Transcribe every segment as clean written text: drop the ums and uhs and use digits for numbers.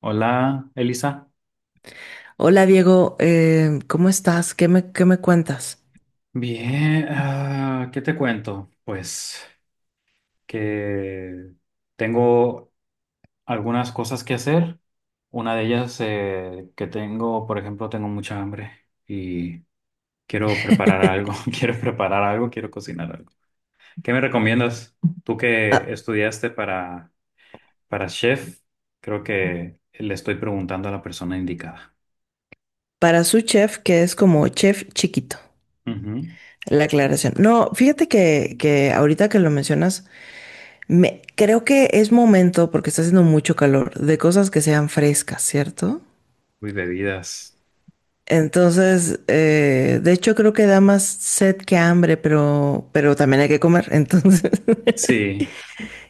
Hola, Elisa. Hola Diego, ¿cómo estás? ¿ qué me cuentas? Bien, ¿qué te cuento? Pues que tengo algunas cosas que hacer. Una de ellas que tengo, por ejemplo, tengo mucha hambre y quiero preparar algo, quiero cocinar algo. ¿Qué me recomiendas? Tú que Ah, estudiaste para chef, creo que le estoy preguntando a la persona indicada. para su chef, que es como chef chiquito, Ujú. la aclaración. No, fíjate que ahorita que lo mencionas, creo que es momento, porque está haciendo mucho calor, de cosas que sean frescas, ¿cierto? Uy, bebidas. Entonces, de hecho creo que da más sed que hambre, pero también hay que comer, entonces Sí.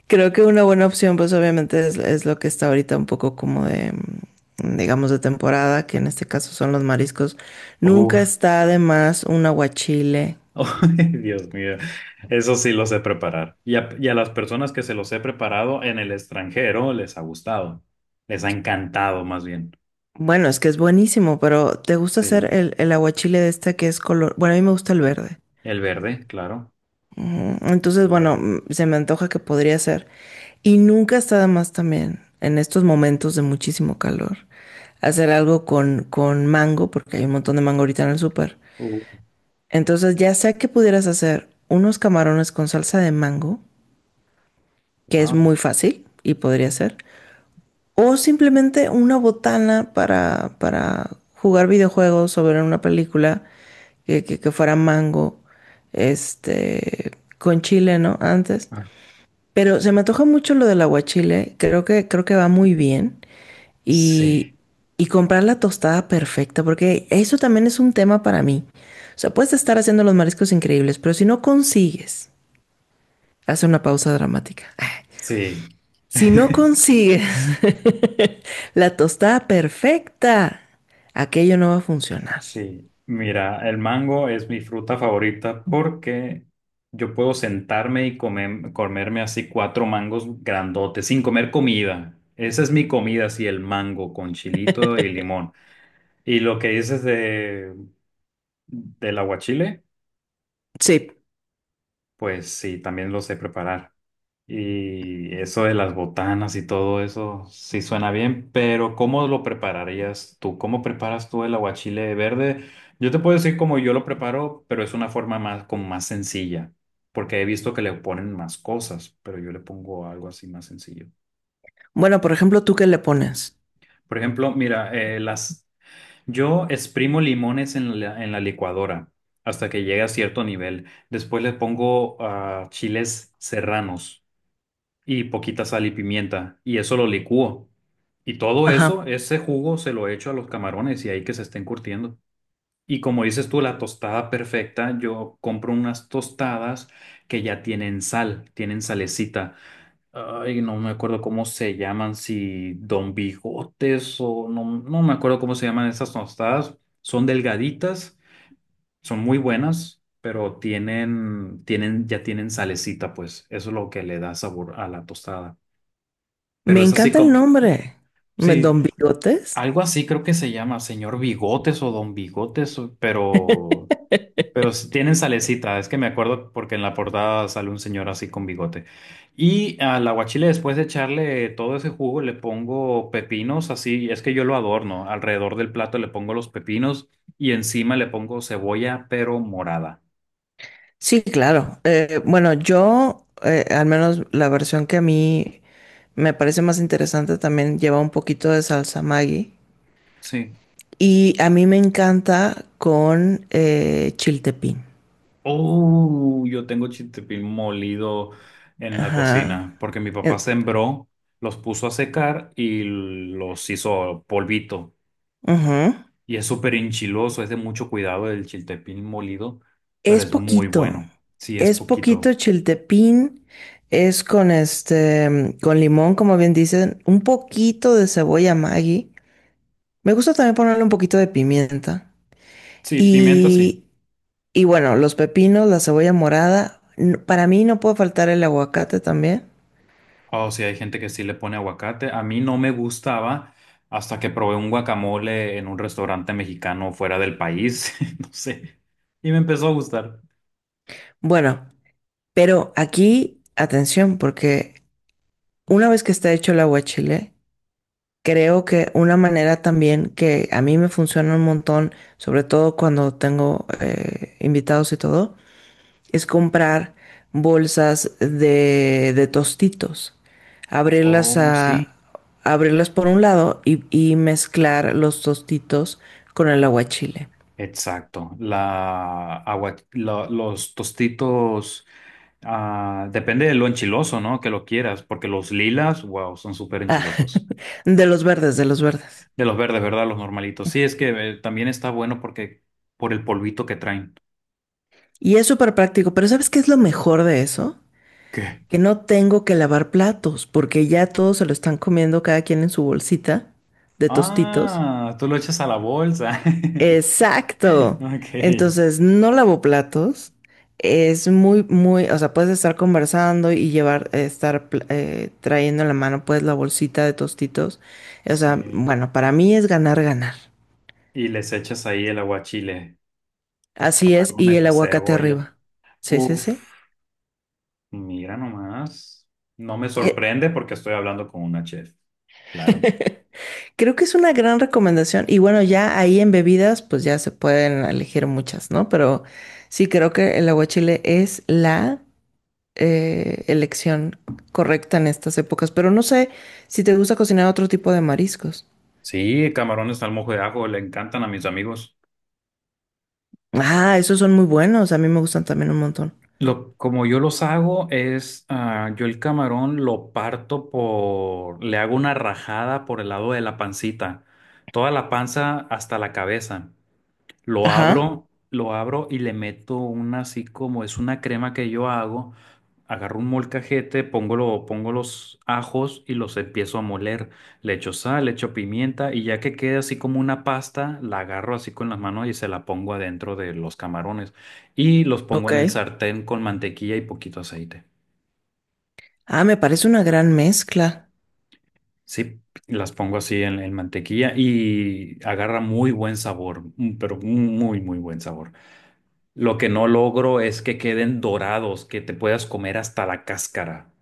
creo que una buena opción, pues obviamente es lo que está ahorita un poco como digamos, de temporada, que en este caso son los mariscos. Nunca Uf. está además un aguachile. Oh, Dios mío, eso sí lo sé preparar. Y a las personas que se los he preparado en el extranjero les ha gustado, les ha encantado más bien. Bueno, es que es buenísimo, pero ¿te gusta Sí, hacer el aguachile de este que es color? Bueno, a mí me gusta el verde. el verde, claro, Ujú. Entonces, el bueno, verde. mm, se me antoja que podría ser. Y nunca está de más también, en estos momentos de muchísimo calor, hacer algo con mango, porque hay un montón de mango ahorita en el súper. Uh, Entonces ya sea que pudieras hacer unos camarones con salsa de mango, que es wow. muy fácil y podría ser, o simplemente una botana para jugar videojuegos o ver una película que fuera mango, este, con chile, ¿no? Antes. Ah, Pero se me antoja mucho lo del aguachile, creo que va muy bien. Y, sí, y comprar la tostada perfecta, porque eso también es un tema para mí. O sea, puedes estar haciendo los mariscos increíbles, pero si no consigues, hace una pausa dramática. sí, Si no consigues la tostada perfecta, aquello no va a funcionar. sí. Mira, el mango es mi fruta favorita porque yo puedo sentarme y comerme así cuatro mangos grandotes sin comer comida. Esa es mi comida, así el mango con chilito y limón. Y lo que dices del aguachile, Sí. pues sí, también lo sé preparar. Y eso de las botanas y todo eso, sí suena bien, pero ¿cómo lo prepararías tú? ¿Cómo preparas tú el aguachile verde? Yo te puedo decir cómo yo lo preparo, pero es una forma más, como más sencilla, porque he visto que le ponen más cosas, pero yo le pongo algo así más sencillo. Bueno, por ejemplo, ¿tú qué le pones? Por ejemplo, mira, yo exprimo limones en la licuadora hasta que llegue a cierto nivel. Después le pongo chiles serranos y poquita sal y pimienta, y eso lo licúo. Y todo eso, Ajá. ese jugo se lo echo a los camarones y ahí que se estén curtiendo. Y como dices tú, la tostada perfecta, yo compro unas tostadas que ya tienen sal, tienen salecita. Ay, no me acuerdo cómo se llaman, si Don Bigotes o no, no me acuerdo cómo se llaman esas tostadas. Son delgaditas, son muy buenas, pero ya tienen salecita, pues. Eso es lo que le da sabor a la tostada. Pero Me es así encanta el como, nombre. Sí, ¿Don Bigotes? algo así creo que se llama, señor Bigotes o Don Bigotes, Pero tienen salecita, es que me acuerdo porque en la portada sale un señor así con bigote. Y al aguachile, después de echarle todo ese jugo, le pongo pepinos, así, es que yo lo adorno. Alrededor del plato le pongo los pepinos y encima le pongo cebolla, pero morada. Sí, claro. Bueno, yo, al menos la versión que a mí me parece más interesante también lleva un poquito de salsa Maggi. Sí. Y a mí me encanta con chiltepín. Oh, yo tengo chiltepín molido en la Ajá. cocina porque mi papá Eh, sembró, los puso a secar y los hizo polvito. ujú. Y es súper enchiloso, es de mucho cuidado el chiltepín molido, pero Es es muy poquito. bueno. Sí, es Es poquito poquito. chiltepín. Es con con limón, como bien dicen, un poquito de cebolla Maggi. Me gusta también ponerle un poquito de pimienta. Sí, pimienta sí. Y y bueno, los pepinos, la cebolla morada. Para mí no puede faltar el aguacate también. O sí, hay gente que sí le pone aguacate. A mí no me gustaba hasta que probé un guacamole en un restaurante mexicano fuera del país, no sé, y me empezó a gustar. Bueno, pero aquí, atención, porque una vez que está hecho el aguachile, creo que una manera también que a mí me funciona un montón, sobre todo cuando tengo invitados y todo, es comprar bolsas de tostitos, abrirlas Oh, sí. a, abrirlas por un lado y mezclar los tostitos con el aguachile. Exacto. Los tostitos, depende de lo enchiloso, ¿no? Que lo quieras, porque los lilas, wow, son súper Ah, enchilosos. de los verdes, de los verdes. De los verdes, ¿verdad? Los normalitos. Sí, es que también está bueno porque por el polvito que traen. Y es súper práctico, pero ¿sabes qué es lo mejor de eso? ¿Qué? Que no tengo que lavar platos, porque ya todos se lo están comiendo cada quien en su bolsita de tostitos. Ah, tú lo echas a la bolsa. Exacto. Ok. Entonces, no lavo platos. Es muy, muy, o sea, puedes estar conversando y estar trayendo en la mano, pues, la bolsita de tostitos. O sea, Sí. bueno, para mí es ganar, ganar. Y les echas ahí el aguachile, los Así es, y camarones, el la aguacate cebolla. arriba. Sí, sí, sí. Uf, mira nomás. No me E- sorprende porque estoy hablando con una chef. Claro. Creo que es una gran recomendación. Y bueno, ya ahí en bebidas, pues ya se pueden elegir muchas, ¿no? Pero sí creo que el aguachile es la elección correcta en estas épocas. Pero no sé si te gusta cocinar otro tipo de mariscos. Sí, camarones al mojo de ajo le encantan a mis amigos. Ah, esos son muy buenos. A mí me gustan también un montón. Como yo los hago es, yo el camarón lo parto le hago una rajada por el lado de la pancita, toda la panza hasta la cabeza. Lo Ajá. abro, lo abro y le meto una, así como es, una crema que yo hago. Agarro un molcajete, pongo los ajos y los empiezo a moler. Le echo sal, le echo pimienta y ya que quede así como una pasta, la agarro así con las manos y se la pongo adentro de los camarones. Y los pongo Ok. en el sartén con mantequilla y poquito aceite. Ah, me parece una gran mezcla. Sí, las pongo así en mantequilla y agarra muy buen sabor, pero muy, muy buen sabor. Lo que no logro es que queden dorados, que te puedas comer hasta la cáscara.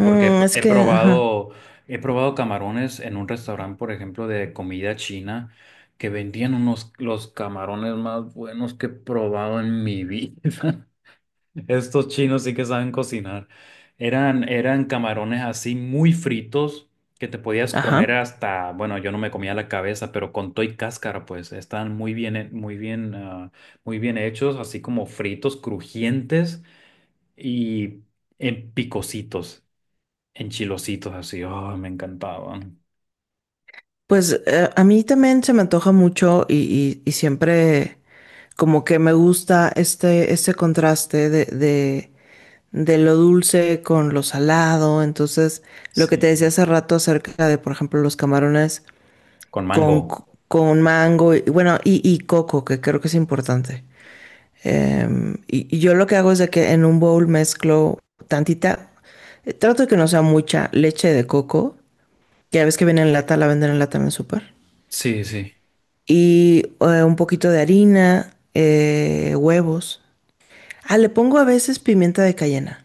Porque es que, ajá. He probado camarones en un restaurante, por ejemplo, de comida china, que vendían unos, los camarones más buenos que he probado en mi vida. Estos chinos sí que saben cocinar. Eran camarones así muy fritos, que te podías comer Ajá. hasta, bueno, yo no me comía la cabeza, pero con toy cáscara, pues estaban muy bien, muy bien, muy bien hechos, así como fritos, crujientes y en picositos, en chilositos, así. Oh, me encantaban. Pues a mí también se me antoja mucho y siempre. Como que me gusta este contraste de lo dulce con lo salado. Entonces, lo que Sí, te decía hace rato acerca de, por ejemplo, los camarones con mango. Con mango y bueno, y coco, que creo que es importante. Y yo lo que hago es de que en un bowl mezclo tantita, trato de que no sea mucha leche de coco, que ya ves que viene en lata, la venden en lata en el súper. Sí, sí. Y un poquito de harina, huevos. Ah, le pongo a veces pimienta de cayena,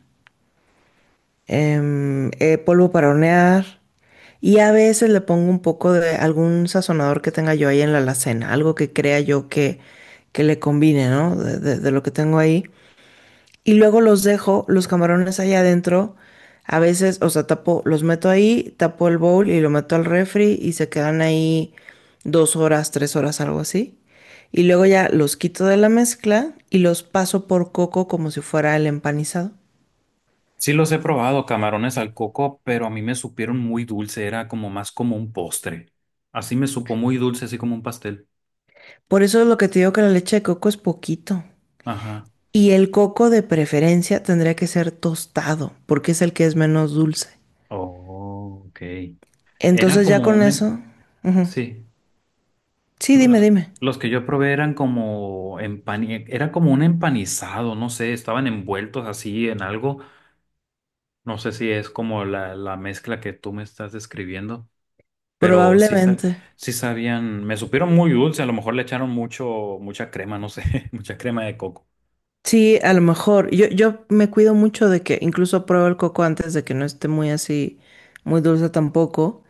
polvo para hornear y a veces le pongo un poco de algún sazonador que tenga yo ahí en la alacena, algo que crea yo que le combine, ¿no? De lo que tengo ahí. Y luego los dejo, los camarones ahí adentro. A veces, o sea, tapo, los meto ahí, tapo el bowl y lo meto al refri y se quedan ahí dos horas, tres horas, algo así. Y luego ya los quito de la mezcla y los paso por coco como si fuera el empanizado. Sí los he probado, camarones al coco, pero a mí me supieron muy dulce, era como más como un postre. Así me supo muy dulce, así como un pastel. Por eso es lo que te digo que la leche de coco es poquito. Ajá. Y el coco de preferencia tendría que ser tostado, porque es el que es menos dulce. Oh, ok. Era Entonces ya como con un... em- eso... ujú. Sí. Sí, No, dime, los, dime. los que yo probé eran Era como un empanizado, no sé, estaban envueltos así en algo. No sé si es como la mezcla que tú me estás describiendo, pero sí, Probablemente. sí sabían. Me supieron muy dulce, a lo mejor le echaron mucho, mucha crema, no sé, mucha crema de coco. Sí, a lo mejor. Yo me cuido mucho de que incluso pruebo el coco antes de que no esté muy así, muy dulce tampoco.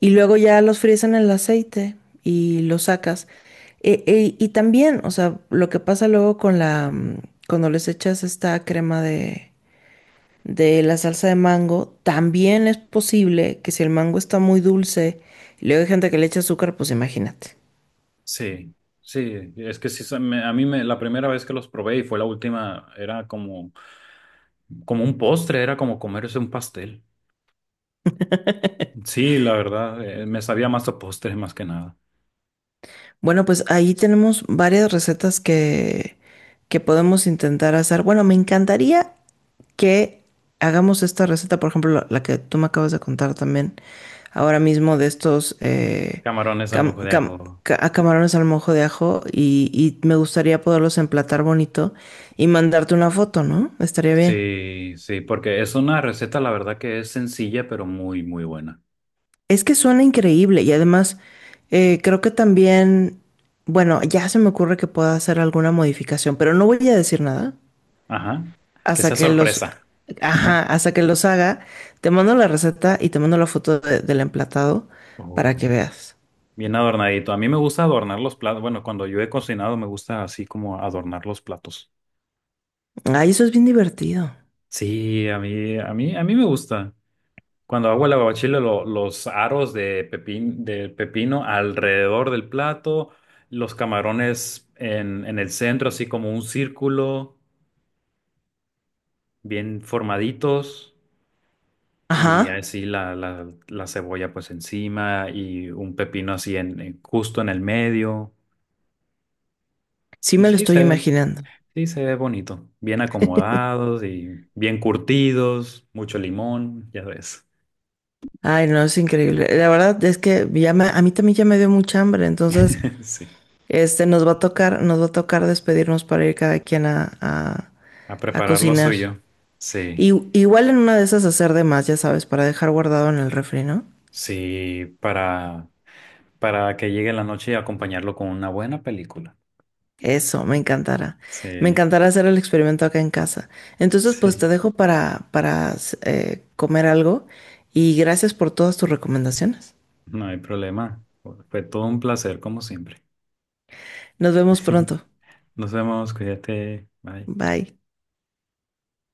Y luego ya los fríes en el aceite y los sacas. Y también, o sea, lo que pasa luego con la cuando les echas esta crema de la salsa de mango, también es posible que si el mango está muy dulce y luego hay gente que le echa azúcar, pues imagínate. Sí, sí, es que sí, se me- a mí me, la primera vez que los probé y fue la última, era como un postre, era como comerse un pastel. Sí, la verdad, me sabía más a postre más que nada. Bueno, pues ahí tenemos varias recetas que podemos intentar hacer. Bueno, me encantaría que hagamos esta receta, por ejemplo, la que tú me acabas de contar también ahora mismo de estos Camarones al cam- mojo de cam- ajo. ca- a camarones al mojo de ajo y me gustaría poderlos emplatar bonito y mandarte una foto, ¿no? Estaría bien. Sí, sí, porque es una receta, la verdad que es sencilla, pero muy, muy buena. Es que suena increíble y además creo que también, bueno, ya se me ocurre que pueda hacer alguna modificación, pero no voy a decir nada Ajá, que hasta sea que sorpresa. ajá, hasta que los haga. Te mando la receta y te mando la foto del emplatado para que Uy. veas. Bien adornadito. A mí me gusta adornar los platos. Bueno, cuando yo he cocinado me gusta así como adornar los platos. Ay, eso es bien divertido. Sí, a mí me gusta. Cuando hago el aguachile, los aros de del pepino alrededor del plato, los camarones en el centro, así como un círculo, bien formaditos, y Ajá, así la cebolla pues encima y un pepino así justo en el medio. sí Y me lo sí, estoy imaginando. sí se ve bonito, bien acomodados y bien curtidos, mucho limón, ya ves. Ay, no, es increíble. La verdad es que a mí también ya me dio mucha hambre, entonces, Sí, nos va a tocar, nos va a tocar despedirnos para ir cada quien a a prepararlo cocinar. soy yo. Sí. Y, igual en una de esas hacer de más, ya sabes, para dejar guardado en el refri, ¿no? Sí, para que llegue la noche y acompañarlo con una buena película. Eso, me encantará. Me Sí, encantará hacer el experimento acá en casa. Entonces, pues sí, te dejo para comer algo y gracias por todas tus recomendaciones. no hay problema. Fue todo un placer, como siempre. Nos vemos pronto. Nos vemos, cuídate, bye. Bye.